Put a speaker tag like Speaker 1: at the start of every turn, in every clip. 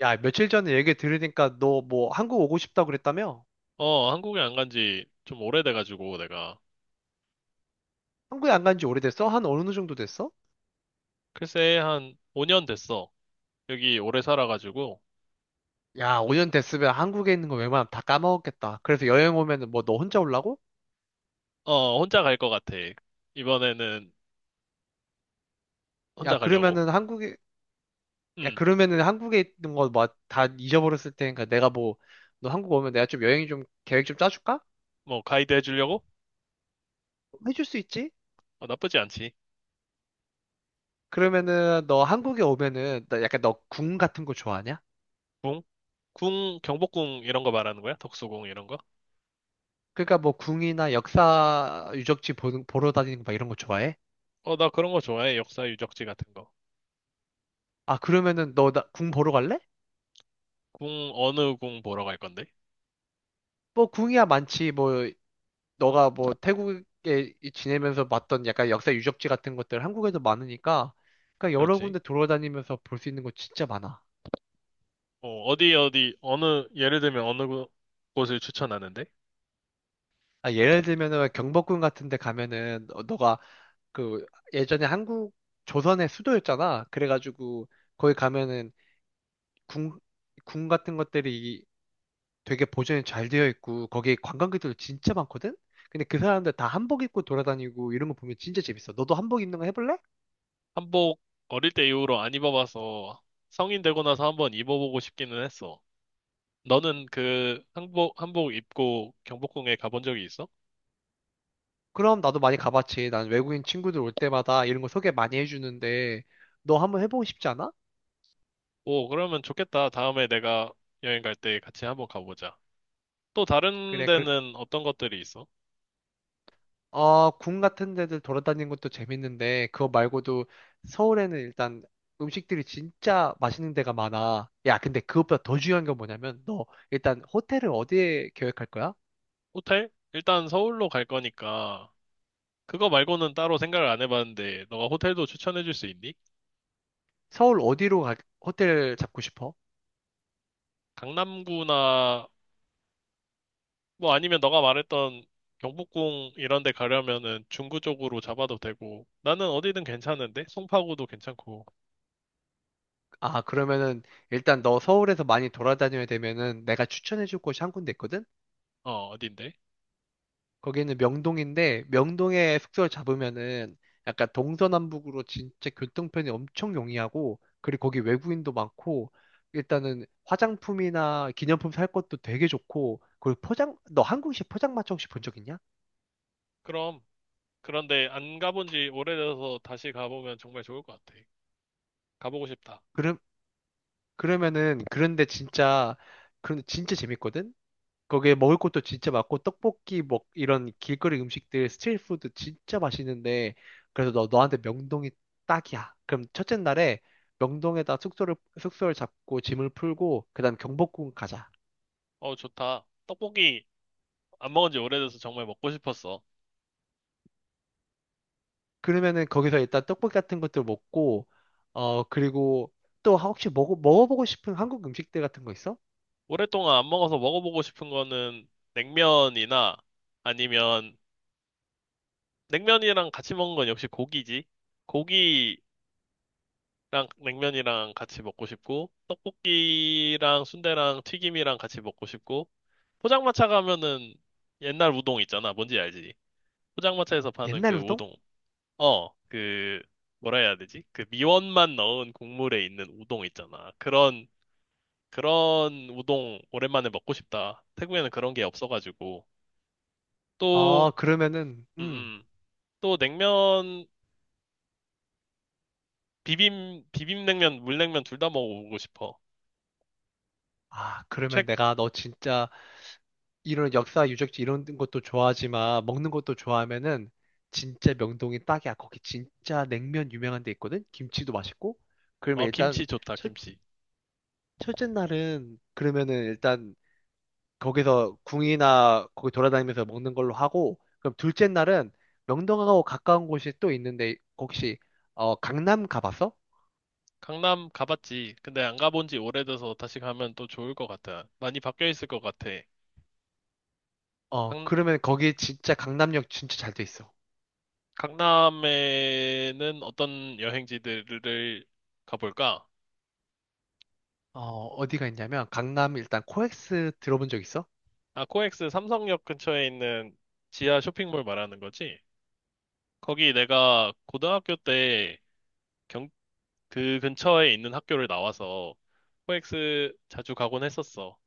Speaker 1: 야, 며칠 전에 얘기 들으니까 너 뭐 한국 오고 싶다고 그랬다며?
Speaker 2: 어, 한국에 안 간지 좀 오래돼가지고, 내가.
Speaker 1: 한국에 안 간지 오래됐어? 한 어느 정도 됐어?
Speaker 2: 글쎄, 한 5년 됐어. 여기 오래 살아가지고,
Speaker 1: 야, 5년 됐으면 한국에 있는 거 웬만하면 다 까먹었겠다. 그래서 여행 오면은 뭐 너 혼자 올라고?
Speaker 2: 어, 혼자 갈 것 같아. 이번에는
Speaker 1: 야,
Speaker 2: 혼자 가려고.
Speaker 1: 그러면은 야,
Speaker 2: 음,
Speaker 1: 그러면은 한국에 있는 거 뭐 다 잊어버렸을 테니까 내가 뭐, 너 한국 오면 내가 좀 여행 좀 계획 좀 짜줄까?
Speaker 2: 뭐, 가이드 해주려고?
Speaker 1: 해줄 수 있지?
Speaker 2: 어, 나쁘지 않지.
Speaker 1: 그러면은 너 한국에 오면은 나 약간 너 궁 같은 거 좋아하냐?
Speaker 2: 궁? 궁, 경복궁 이런 거 말하는 거야? 덕수궁 이런 거?
Speaker 1: 그러니까 뭐 궁이나 역사 유적지 보 보러 다니는 거 막 이런 거 좋아해?
Speaker 2: 어, 나 그런 거 좋아해. 역사 유적지 같은 거.
Speaker 1: 아, 그러면은 너 나 궁 보러 갈래?
Speaker 2: 궁, 어느 궁 보러 갈 건데?
Speaker 1: 뭐 궁이야 많지 뭐. 너가 뭐 지내면서 봤던 약간 역사 유적지 같은 것들 한국에도 많으니까 그러니까 여러
Speaker 2: 그렇지.
Speaker 1: 군데 돌아다니면서 볼 수 있는 거 진짜 많아.
Speaker 2: 어디, 어느, 예를 들면 어느 곳을 추천하는데?
Speaker 1: 아, 예를 들면은 경복궁 같은 데 가면은 너가 그 예전에 한국 조선의 수도였잖아. 그래가지고 거기 가면은 궁, 궁 같은 것들이 되게 보존이 잘 되어 있고 거기 관광객들 진짜 많거든? 근데 그 사람들 다 한복 입고 돌아다니고 이런 거 보면 진짜 재밌어. 너도 한복 입는 거 해볼래?
Speaker 2: 한복 어릴 때 이후로 안 입어봐서 성인 되고 나서 한번 입어보고 싶기는 했어. 너는 그 한복 입고 경복궁에 가본 적이 있어?
Speaker 1: 그럼 나도 많이 가봤지. 난 외국인 친구들 올 때마다 이런 거 소개 많이 해주는데, 너 한번 해보고 싶지 않아?
Speaker 2: 오, 그러면 좋겠다. 다음에 내가 여행 갈 때 같이 한번 가보자. 또 다른
Speaker 1: 그래,
Speaker 2: 데는 어떤 것들이 있어?
Speaker 1: 어, 궁 같은 데들 돌아다니는 것도 재밌는데, 그거 말고도 서울에는 일단 음식들이 진짜 맛있는 데가 많아. 야, 근데 그것보다 더 중요한 건 뭐냐면, 너 일단 호텔을 어디에 계획할 거야?
Speaker 2: 호텔? 일단 서울로 갈 거니까 그거 말고는 따로 생각을 안 해봤는데 너가 호텔도 추천해 줄 수 있니?
Speaker 1: 서울 호텔 잡고 싶어?
Speaker 2: 강남구나 뭐 아니면 너가 말했던 경복궁 이런 데 가려면은 중구 쪽으로 잡아도 되고 나는 어디든 괜찮은데 송파구도 괜찮고.
Speaker 1: 아, 그러면은 일단 너 서울에서 많이 돌아다녀야 되면은 내가 추천해줄 곳이 한 군데 있거든?
Speaker 2: 어딘데?
Speaker 1: 거기는 명동인데 명동에 숙소를 잡으면은 약간 동서남북으로 진짜 교통편이 엄청 용이하고 그리고 거기 외국인도 많고 일단은 화장품이나 기념품 살 것도 되게 좋고 그리고 포장 너 한국식 포장마차 혹시 본 적 있냐?
Speaker 2: 그럼. 그런데 안 가본 지 오래돼서 다시 가보면 정말 좋을 것 같아. 가보고 싶다.
Speaker 1: 그럼. 그러면은 그런데 진짜 그런데 진짜 재밌거든? 거기에 먹을 것도 진짜 많고 떡볶이 먹 이런 길거리 음식들 스트리트푸드 진짜 맛있는데 그래서 너 너한테 명동이 딱이야. 그럼 첫째 날에 명동에다 숙소를 잡고 짐을 풀고 그다음 경복궁 가자.
Speaker 2: 어, 좋다. 떡볶이 안 먹은 지 오래돼서 정말 먹고 싶었어.
Speaker 1: 그러면은 거기서 일단 떡볶이 같은 것들 먹고 어, 그리고 또 혹시 먹어보고 싶은 한국 음식들 같은 거 있어?
Speaker 2: 오랫동안 안 먹어서 먹어보고 싶은 거는 냉면이나, 아니면 냉면이랑 같이 먹는 건 역시 고기지. 고기 랑 냉면이랑 같이 먹고 싶고, 떡볶이랑 순대랑 튀김이랑 같이 먹고 싶고, 포장마차 가면은 옛날 우동 있잖아. 뭔지 알지? 포장마차에서 파는 그
Speaker 1: 옛날 우동?
Speaker 2: 우동. 그 뭐라 해야 되지? 그 미원만 넣은 국물에 있는 우동 있잖아. 그런 우동 오랜만에 먹고 싶다. 태국에는 그런 게 없어가지고. 또.
Speaker 1: 아, 그러면은
Speaker 2: 음, 음. 또 냉면, 비빔냉면, 물냉면 둘 다 먹어보고 싶어.
Speaker 1: 아,
Speaker 2: 최,
Speaker 1: 그러면 내가 너 진짜 이런 역사 유적지 이런 것도 좋아하지만 먹는 것도 좋아하면은 진짜 명동이 딱이야. 거기 진짜 냉면 유명한 데 있거든. 김치도 맛있고. 그러면
Speaker 2: 어,
Speaker 1: 일단
Speaker 2: 김치 좋다,
Speaker 1: 첫
Speaker 2: 김치.
Speaker 1: 첫째 날은 그러면은 일단 거기서 궁이나 거기 돌아다니면서 먹는 걸로 하고 그럼 둘째 날은 명동하고 가까운 곳이 또 있는데 혹시 어, 강남 가봤어?
Speaker 2: 강남 가봤지. 근데 안 가본 지 오래돼서 다시 가면 또 좋을 것 같아. 많이 바뀌어 있을 것 같아.
Speaker 1: 어,
Speaker 2: 강,
Speaker 1: 그러면 거기 진짜 강남역 진짜 잘 돼 있어.
Speaker 2: 강남에는 어떤 여행지들을 가볼까?
Speaker 1: 어, 어디가 있냐면 강남 일단 코엑스 들어본 적 있어?
Speaker 2: 아, 코엑스 삼성역 근처에 있는 지하 쇼핑몰 말하는 거지? 거기 내가 고등학교 때, 경, 그 근처에 있는 학교를 나와서 코엑스 자주 가곤 했었어.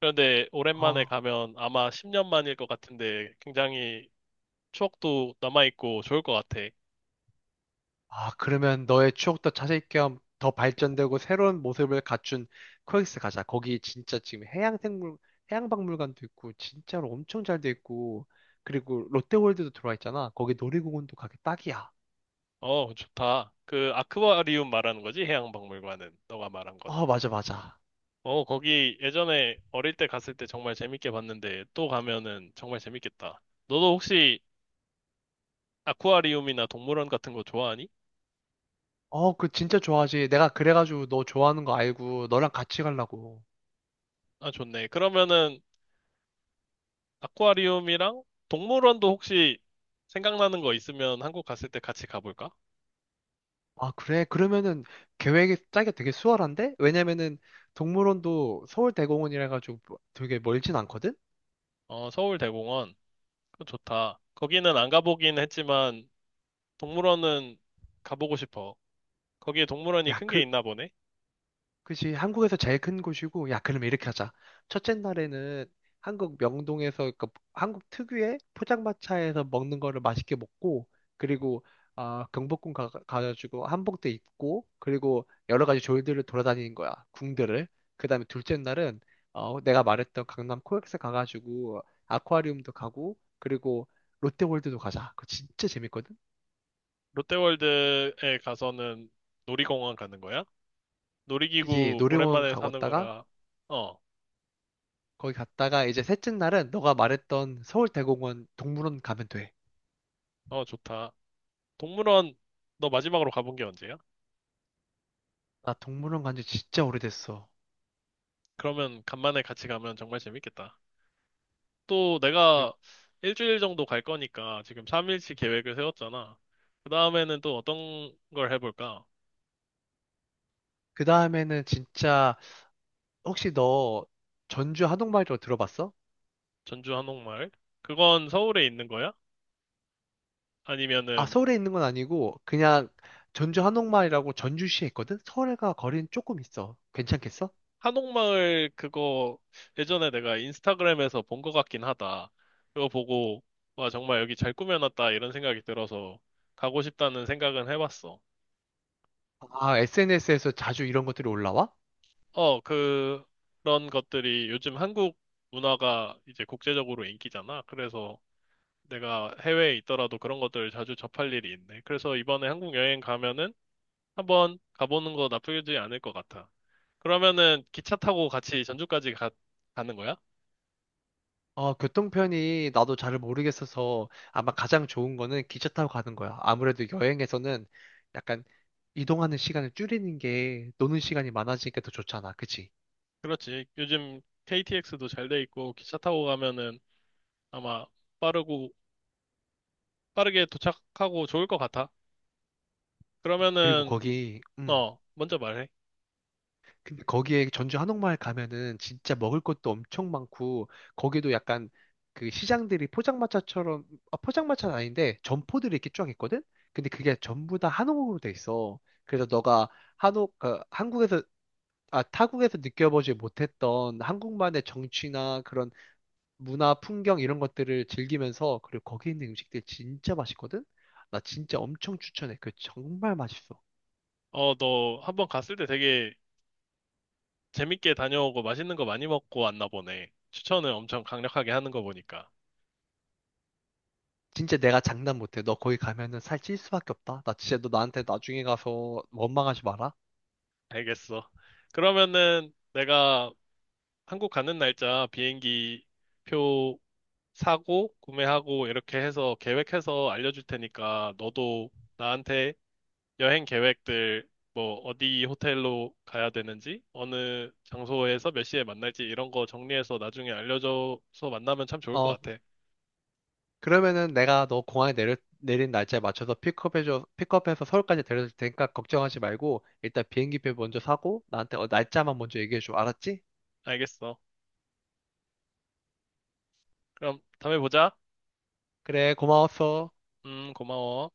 Speaker 2: 그런데 오랜만에
Speaker 1: 아
Speaker 2: 가면 아마 10년 만일 것 같은데 굉장히 추억도 남아있고 좋을 것 같아.
Speaker 1: 아, 그러면 너의 추억도 찾을 겸 더 발전되고 새로운 모습을 갖춘 코엑스 가자. 거기 진짜 지금 해양박물관도 있고, 진짜로 엄청 잘 돼 있고, 그리고 롯데월드도 들어와 있잖아. 거기 놀이공원도 가기 딱이야.
Speaker 2: 어, 좋다. 그 아쿠아리움 말하는 거지? 해양박물관은. 너가 말한 것.
Speaker 1: 어, 맞아, 맞아.
Speaker 2: 어, 거기 예전에 어릴 때 갔을 때 정말 재밌게 봤는데 또 가면은 정말 재밌겠다. 너도 혹시 아쿠아리움이나 동물원 같은 거 좋아하니?
Speaker 1: 어, 그 진짜 좋아하지. 내가 그래가지고 너 좋아하는 거 알고 너랑 같이 가려고.
Speaker 2: 아, 좋네. 그러면은 아쿠아리움이랑 동물원도 혹시 생각나는 거 있으면 한국 갔을 때 같이 가볼까?
Speaker 1: 아, 그래? 그러면은 계획이 짜기가 되게 수월한데? 왜냐면은 동물원도 서울대공원이라 해가지고 되게 멀진 않거든?
Speaker 2: 어, 서울대공원. 그거 좋다. 거기는 안 가보긴 했지만 동물원은 가보고 싶어. 거기에 동물원이
Speaker 1: 야,
Speaker 2: 큰 게 있나 보네?
Speaker 1: 그치, 한국에서 제일 큰 곳이고, 야, 그러면 이렇게 하자. 첫째 날에는 한국 명동에서, 한국 특유의 포장마차에서 먹는 거를 맛있게 먹고, 그리고, 아, 경복궁 가가지고 한복도 입고, 그리고 여러 가지 졸들을 돌아다니는 거야. 궁들을. 그 다음에 둘째 날은, 어, 내가 말했던 강남 코엑스 가가지고, 아쿠아리움도 가고, 그리고 롯데월드도 가자. 그거 진짜 재밌거든?
Speaker 2: 롯데월드에 가서는 놀이공원 가는 거야?
Speaker 1: 그치,
Speaker 2: 놀이기구
Speaker 1: 놀이공원
Speaker 2: 오랜만에
Speaker 1: 가고
Speaker 2: 사는
Speaker 1: 왔다가,
Speaker 2: 거라. 어,
Speaker 1: 거기 갔다가 이제 셋째 날은 너가 말했던 서울대공원 동물원 가면 돼.
Speaker 2: 어, 좋다. 동물원 너 마지막으로 가본 게 언제야?
Speaker 1: 나 동물원 간지 진짜 오래됐어.
Speaker 2: 그러면 간만에 같이 가면 정말 재밌겠다. 또
Speaker 1: 그리고
Speaker 2: 내가 일주일 정도 갈 거니까 지금 3일치 계획을 세웠잖아. 그 다음에는 또 어떤 걸 해볼까?
Speaker 1: 그 다음에는 진짜 혹시 너 전주 한옥마을이라고 들어봤어?
Speaker 2: 전주 한옥마을? 그건 서울에 있는 거야?
Speaker 1: 아,
Speaker 2: 아니면은.
Speaker 1: 서울에 있는 건 아니고 그냥 전주 한옥마을이라고 전주시에 있거든? 서울과 거리는 조금 있어. 괜찮겠어?
Speaker 2: 한옥마을, 그거 예전에 내가 인스타그램에서 본 것 같긴 하다. 그거 보고 와, 정말 여기 잘 꾸며놨다 이런 생각이 들어서 가고 싶다는 생각은 해봤어.
Speaker 1: 아, SNS에서 자주 이런 것들이 올라와?
Speaker 2: 어, 그런 것들이, 요즘 한국 문화가 이제 국제적으로 인기잖아. 그래서 내가 해외에 있더라도 그런 것들을 자주 접할 일이 있네. 그래서 이번에 한국 여행 가면은 한번 가보는 거 나쁘지 않을 것 같아. 그러면은 기차 타고 같이 전주까지 가는 거야?
Speaker 1: 어, 교통편이 나도 잘 모르겠어서 아마 가장 좋은 거는 기차 타고 가는 거야. 아무래도 여행에서는 약간 이동하는 시간을 줄이는 게 노는 시간이 많아지니까 더 좋잖아. 그치?
Speaker 2: 그렇지. 요즘 KTX도 잘 돼 있고 기차 타고 가면은 아마 빠르고, 빠르게 도착하고 좋을 것 같아.
Speaker 1: 그리고
Speaker 2: 그러면은.
Speaker 1: 거기,
Speaker 2: 어, 먼저 말해.
Speaker 1: 근데 거기에 전주 한옥마을 가면은 진짜 먹을 것도 엄청 많고 거기도 약간 그 시장들이 아, 포장마차는 아닌데 점포들이 이렇게 쫙 있거든? 근데 그게 전부 다 한옥으로 돼 있어. 그래서 너가 한옥, 그 한국에서 아, 타국에서 느껴보지 못했던 한국만의 정취나 그런 문화, 풍경 이런 것들을 즐기면서 그리고 거기 있는 음식들 진짜 맛있거든? 나 진짜 엄청 추천해. 그 정말 맛있어.
Speaker 2: 어, 너 한번 갔을 때 되게 재밌게 다녀오고 맛있는 거 많이 먹고 왔나 보네. 추천을 엄청 강력하게 하는 거 보니까.
Speaker 1: 진짜 내가 장난 못해. 너 거기 가면은 살찔 수밖에 없다. 나 진짜 너 나한테 나중에 가서 원망하지 마라.
Speaker 2: 알겠어. 그러면은 내가 한국 가는 날짜, 비행기 표 사고 구매하고 이렇게 해서 계획해서 알려줄 테니까 너도 나한테 여행 계획들, 뭐, 어디 호텔로 가야 되는지, 어느 장소에서 몇 시에 만날지, 이런 거 정리해서 나중에 알려줘서 만나면 참 좋을 것
Speaker 1: 어,
Speaker 2: 같아.
Speaker 1: 그러면은 내가 너 공항에 내린 날짜에 맞춰서 픽업해서 서울까지 데려다 줄 테니까 걱정하지 말고 일단 비행기표 먼저 사고 나한테 어, 날짜만 먼저 얘기해줘. 알았지?
Speaker 2: 알겠어. 그럼 다음에 보자.
Speaker 1: 그래, 고마웠어.
Speaker 2: 고마워.